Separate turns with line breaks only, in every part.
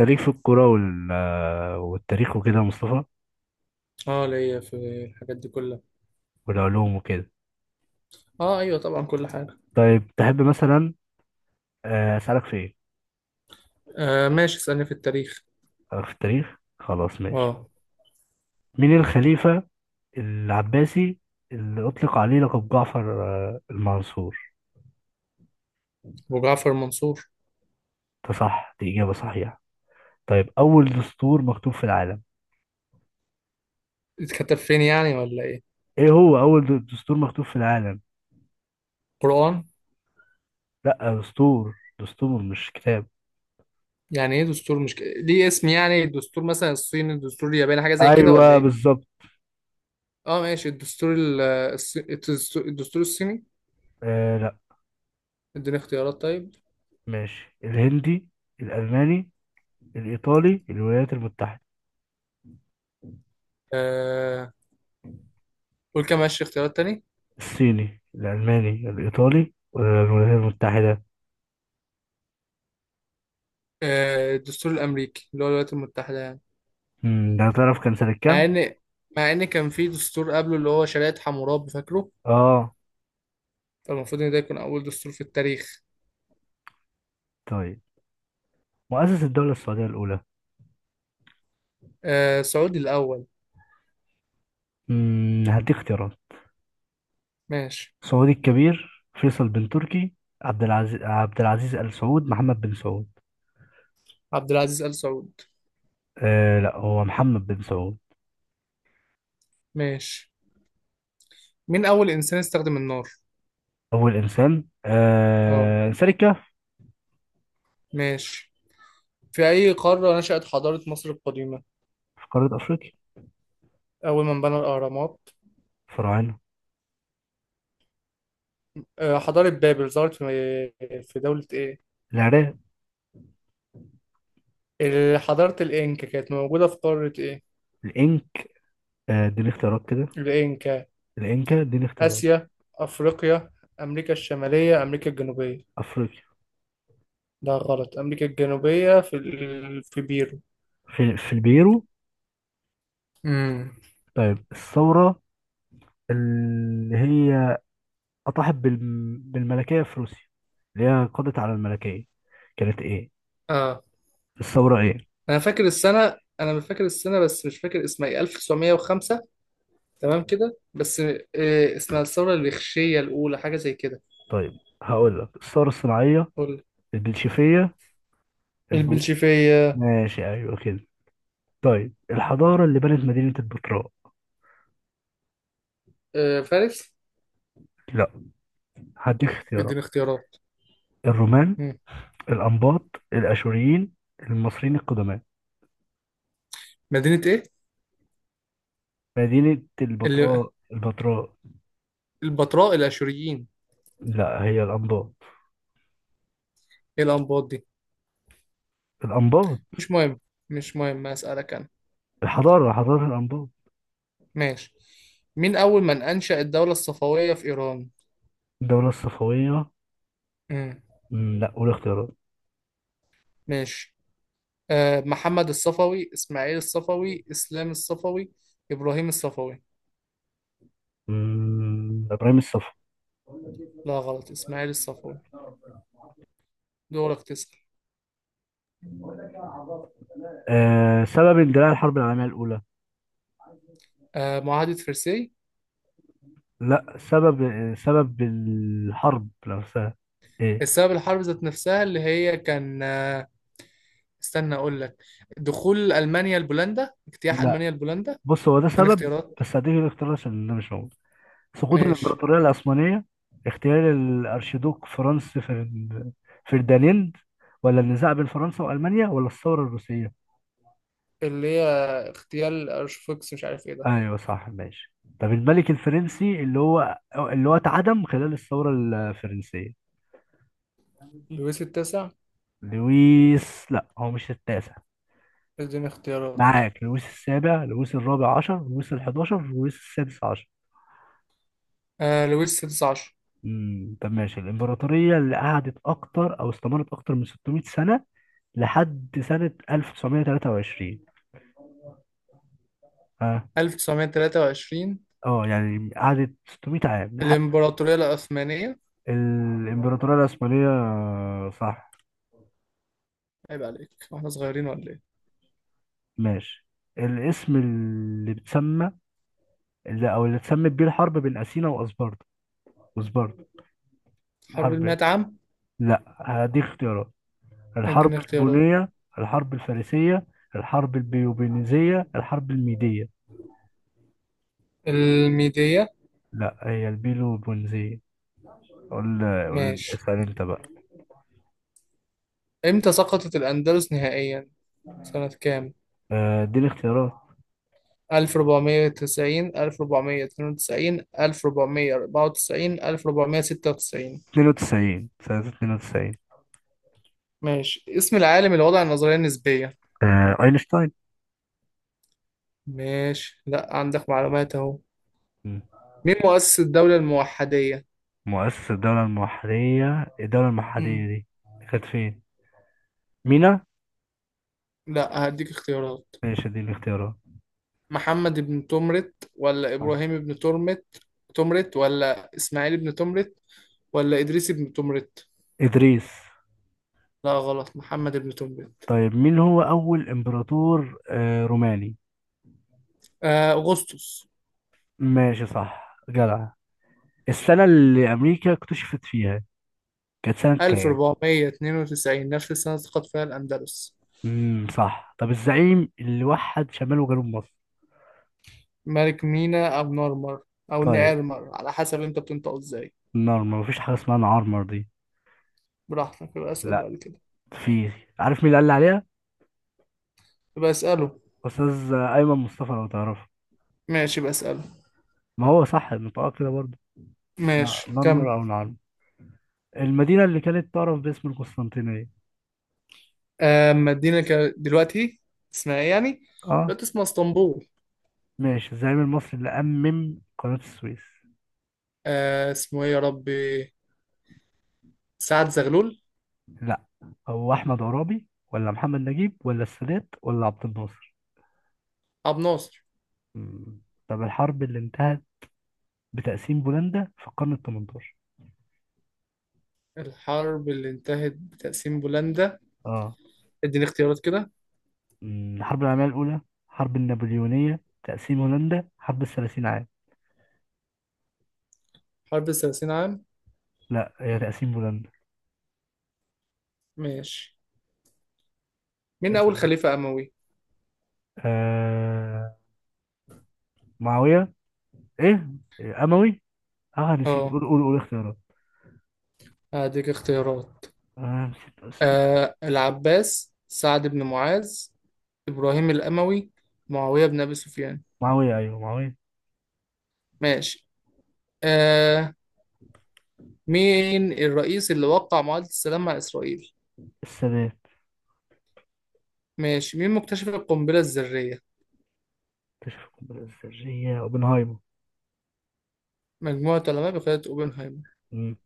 انت ليك في الكورة والتاريخ وكده يا مصطفى،
اه ليا في الحاجات دي كلها.
والعلوم وكده.
اه ايوه طبعا كل حاجه.
طيب تحب مثلا؟ أسألك في إيه؟
آه ماشي اسالني في التاريخ.
أسألك في التاريخ، خلاص ماشي.
اه
مين الخليفة العباسي اللي أطلق عليه لقب جعفر المنصور؟
ابو جعفر منصور.
ده صح، دي إجابة صحيحة. طيب أول دستور مكتوب في العالم.
اتكتب فين يعني ولا ايه؟
إيه هو أول دستور مكتوب في العالم؟
قران.
لأ دستور، مش كتاب.
يعني ايه دستور مش ك...، ليه اسم يعني الدستور مثلا الصيني الدستور الياباني حاجه زي كده ولا
أيوه
ايه؟
بالظبط.
اه ماشي الدستور الصيني.
آه لأ.
اديني اختيارات طيب.
ماشي، الهندي، الألماني، الإيطالي، الولايات المتحدة.
آه قول كده، ماشي اختيارات تاني.
الصيني، الألماني، الإيطالي والولايات المتحدة.
آه الدستور الامريكي اللي هو الولايات المتحده يعني.
ده تعرف كان سنة
مع
كام؟
ان مع ان كان في دستور قبله اللي هو شريعه حمورابي، فاكره؟
اه.
فالمفروض ان ده يكون اول دستور في التاريخ.
طيب، مؤسس الدولة السعودية الأولى.
آه سعودي الاول.
هديك اختيارات.
ماشي
سعودي الكبير، فيصل بن تركي، عبد العزيز آل سعود، محمد بن سعود.
عبد العزيز ال سعود.
آه لا، هو محمد بن سعود.
ماشي، مين اول انسان استخدم النار؟
أول إنسان
اه
إنسان الكهف.
ماشي. في اي قاره نشأت حضاره مصر القديمه؟
في قارة أفريقيا.
اول من بنى الاهرامات؟
فراعنة.
آه حضاره بابل ظهرت في في دوله ايه؟
العراق.
حضاره الانكا كانت موجوده في قاره ايه؟
الإنك. آه اديني اختيارات كده.
الانكا
الإنكا، اديني اختيارات.
اسيا افريقيا امريكا الشماليه امريكا الجنوبيه.
أفريقيا.
ده غلط، امريكا الجنوبيه في في بيرو.
في البيرو.
امم.
طيب الثورة اللي هي أطاحت بالملكية في روسيا، اللي هي قضت على الملكية، كانت إيه؟ الثورة إيه؟
انا فاكر السنه، انا مش فاكر السنه بس مش فاكر اسمها ايه، 1905. تمام كده بس اسمها الثوره الريخشيه الاولى حاجه زي كده.
طيب هقول لك: الثورة الصناعية،
قول لي.
البلشفية، البو...
البلشفيه.
ماشي أيوه كده. طيب الحضارة اللي بنت مدينة البتراء.
آه، فارس.
لا، هديك اختيارات:
اديني اختيارات.
الرومان،
مم.
الأنباط، الأشوريين، المصريين القدماء.
مدينه ايه؟
مدينة
اللي
البتراء، البتراء.
البتراء الاشوريين.
لا هي الأنباط.
ايه الانباط دي؟
الأنباط.
مش مهم، مش مهم، اسالك انا.
الحضارة حضارة الأنباط.
ماشي، مين اول من انشا الدوله الصفويه في ايران؟
الدولة الصفوية.
مم.
لا قول اختيارات.
ماشي. آه، محمد الصفوي، اسماعيل الصفوي، اسلام الصفوي، ابراهيم الصفوي.
ابراهيم الصفا.
لا غلط، اسماعيل الصفوي. دورك تسأل.
سبب اندلاع الحرب العالميه الاولى.
آه معاهدة فرساي.
لا، سبب سبب الحرب نفسها. ايه؟
السبب الحرب ذات نفسها اللي هي كان استنى أقول لك. دخول ألمانيا لبولندا، اجتياح
لا،
ألمانيا لبولندا.
بص هو ده
اديني
سبب،
اختيارات.
بس هديك الاختيار عشان ده مش موجود. سقوط
ماشي.
الامبراطوريه العثمانيه، اغتيال الارشيدوك فرديناند، ولا النزاع بين فرنسا والمانيا، ولا الثوره الروسيه.
اللي هي اغتيال أرشفوكس مش عارف ايه ده.
ايوه صح ماشي. طب الملك الفرنسي اللي هو اتعدم خلال الثوره الفرنسيه.
لويس التاسع.
لويس، لا هو مش التاسع.
اديني اختيارات.
معاك لويس السابع، لويس الرابع عشر، لويس الحداشر، لويس السادس عشر.
آه لويس السادس عشر.
طب ماشي. الإمبراطورية اللي قعدت أكتر أو استمرت أكتر من 600 سنة، لحد سنة 1923. ها؟
1923.
اه اه، يعني قعدت 600 عام لحد.
الإمبراطورية العثمانية.
الإمبراطورية العثمانية، صح.
عيب عليك، واحنا صغيرين ولا ايه؟
ماشي. الاسم اللي بتسمى، اللي اللي اتسمت بيه الحرب بين أثينا وأسباردا وأسباردا
حرب
حرب إيه؟
المئة عام.
لا هديك اختيارات: الحرب
اديني اختيارات.
البونية، الحرب الفارسية، الحرب البيوبينيزية، الحرب الميدية.
الميدية.
لا هي البيلوبونيزية. قول،
ماشي.
اسأل انت بقى.
إمتى سقطت الأندلس نهائيا؟ سنة كام؟
اديني اختيارات.
1490، 1492، 1494، 1496.
92، سنة 92.
ماشي، اسم العالم اللي وضع النظرية النسبية.
اينشتاين.
ماشي، لا عندك معلومات أهو.
مم.
مين مؤسس الدولة الموحدية؟
مؤسس الدولة المحلية.
مم.
دي كانت فين؟ مينا؟
لا هديك اختيارات.
ماشي اديني اختيارات.
محمد بن تمرت ولا
آه.
إبراهيم بن ترمت تمرت ولا إسماعيل بن تمرت ولا إدريس بن تمرت.
إدريس.
لا غلط، محمد بن تمرت.
طيب مين هو أول إمبراطور روماني؟
آه أغسطس.
ماشي، صح، جدع. السنة اللي أمريكا اكتشفت فيها كانت سنة كام؟
1492، نفس السنة سقط فيها الأندلس.
صح. طب الزعيم اللي وحد شمال وجنوب مصر؟
ملك مينا أو نورمر أو
طيب.
نيرمر، على حسب أنت بتنطق إزاي.
النار مفيش حاجة اسمها نعرمر دي.
براحتك، يبقى أسأل
لا،
بعد كده.
في. عارف مين اللي قال لي عليها؟
يبقى أسأله.
أستاذ أيمن مصطفى، لو تعرفه.
ماشي يبقى أسأله.
ما هو صح النطاق كده برضه.
ماشي كم.
نارمر أو نعرمر. المدينة اللي كانت تعرف باسم القسطنطينية.
أما ادينا دلوقتي اسمها إيه يعني؟
اه،
دلوقتي اسمها اسطنبول.
ماشي. الزعيم المصري اللي قناة السويس.
آه اسمه إيه يا ربي؟ سعد زغلول.
لا، هو أحمد عرابي، ولا محمد نجيب، ولا السادات، ولا عبد الناصر.
أبو ناصر.
مم. طب الحرب اللي انتهت بتقسيم بولندا في القرن ال 18.
الحرب اللي انتهت بتقسيم بولندا.
اه.
اديني اختيارات كده.
مم، الحرب العالمية الأولى، الحرب النابليونية، تقسيم هولندا، حرب الثلاثين عام.
حرب 30 عام.
لا هي تقسيم هولندا.
ماشي، مين أول
اسأل.
خليفة أموي؟
آه... معاوية. إيه؟ أموي. آه نسيت،
اه
قول اختيارات.
هديك اختيارات.
آه نسيت اسمه.
آه العباس، سعد بن معاذ، إبراهيم الأموي، معاوية بن أبي سفيان.
معاوية، أيوه معاوية.
ماشي. آه، مين الرئيس اللي وقع معاهدة السلام مع إسرائيل؟
السادات.
ماشي، مين مكتشف القنبلة الذرية؟
اكتشف القنبلة الذرية أوبنهايمر.
مجموعة علماء بقيادة أوبنهايمر.
مم.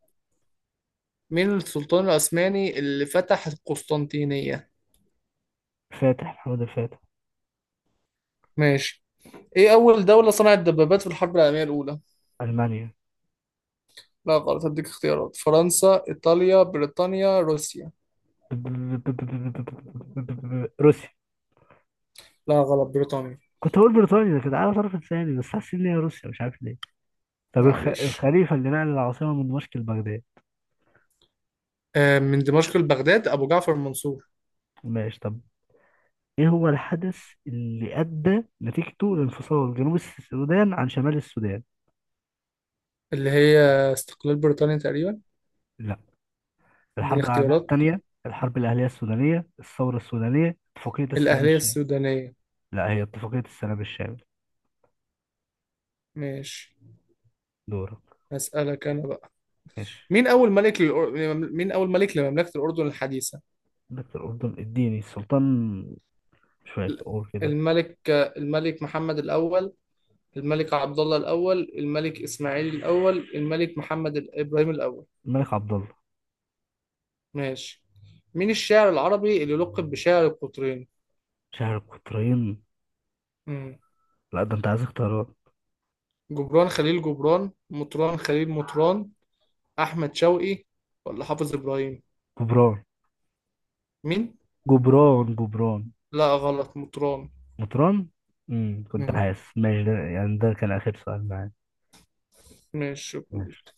مين السلطان العثماني اللي فتح القسطنطينية؟
فاتح، محمد الفاتح.
ماشي. إيه أول دولة صنعت دبابات في الحرب العالمية الأولى؟
ألمانيا.
لا غلط، هديك اختيارات: فرنسا، إيطاليا، بريطانيا، روسيا.
روسيا.
لا غلط، بريطانيا.
كنت هقول بريطانيا، كنت عارف، طرف لساني، بس حاسس ان هي روسيا مش عارف ليه. طب
معلش.
الخليفة اللي نقل العاصمة من دمشق لبغداد.
آه، من دمشق لبغداد أبو جعفر المنصور.
ماشي. طب ايه هو الحدث اللي ادى نتيجته لانفصال جنوب السودان عن شمال السودان؟
اللي هي استقلال بريطانيا تقريبا.
لا.
اديني
الحرب العالميه
اختيارات.
الثانيه، الحرب الاهليه السودانيه، الثوره السودانيه، اتفاقيه السلام
الأهلية
الشامل.
السودانية.
لا هي اتفاقيه السلام الشامل.
ماشي.
دورك.
هسألك أنا بقى.
ماشي.
مين أول ملك لمملكة الأردن الحديثة؟
دكتور أردن، اديني. السلطان، مش فاكر، اقول كده.
الملك محمد الأول، الملك عبد الله الأول، الملك إسماعيل الأول، الملك إبراهيم الأول.
الملك عبد الله.
ماشي، مين الشاعر العربي اللي لقب بشاعر القطرين؟
شهر القطرين.
مم.
لا ده انت عايز اختيارات.
جبران خليل جبران، مطران خليل مطران، احمد شوقي، ولا حافظ ابراهيم؟
جبران.
مين؟
جبران، جبران.
لا غلط، مطران.
مطران. كنت
مم.
حاسس. ماشي، ده يعني ده كان اخر سؤال معايا.
ماشي، شكرا
ماشي.
ليك.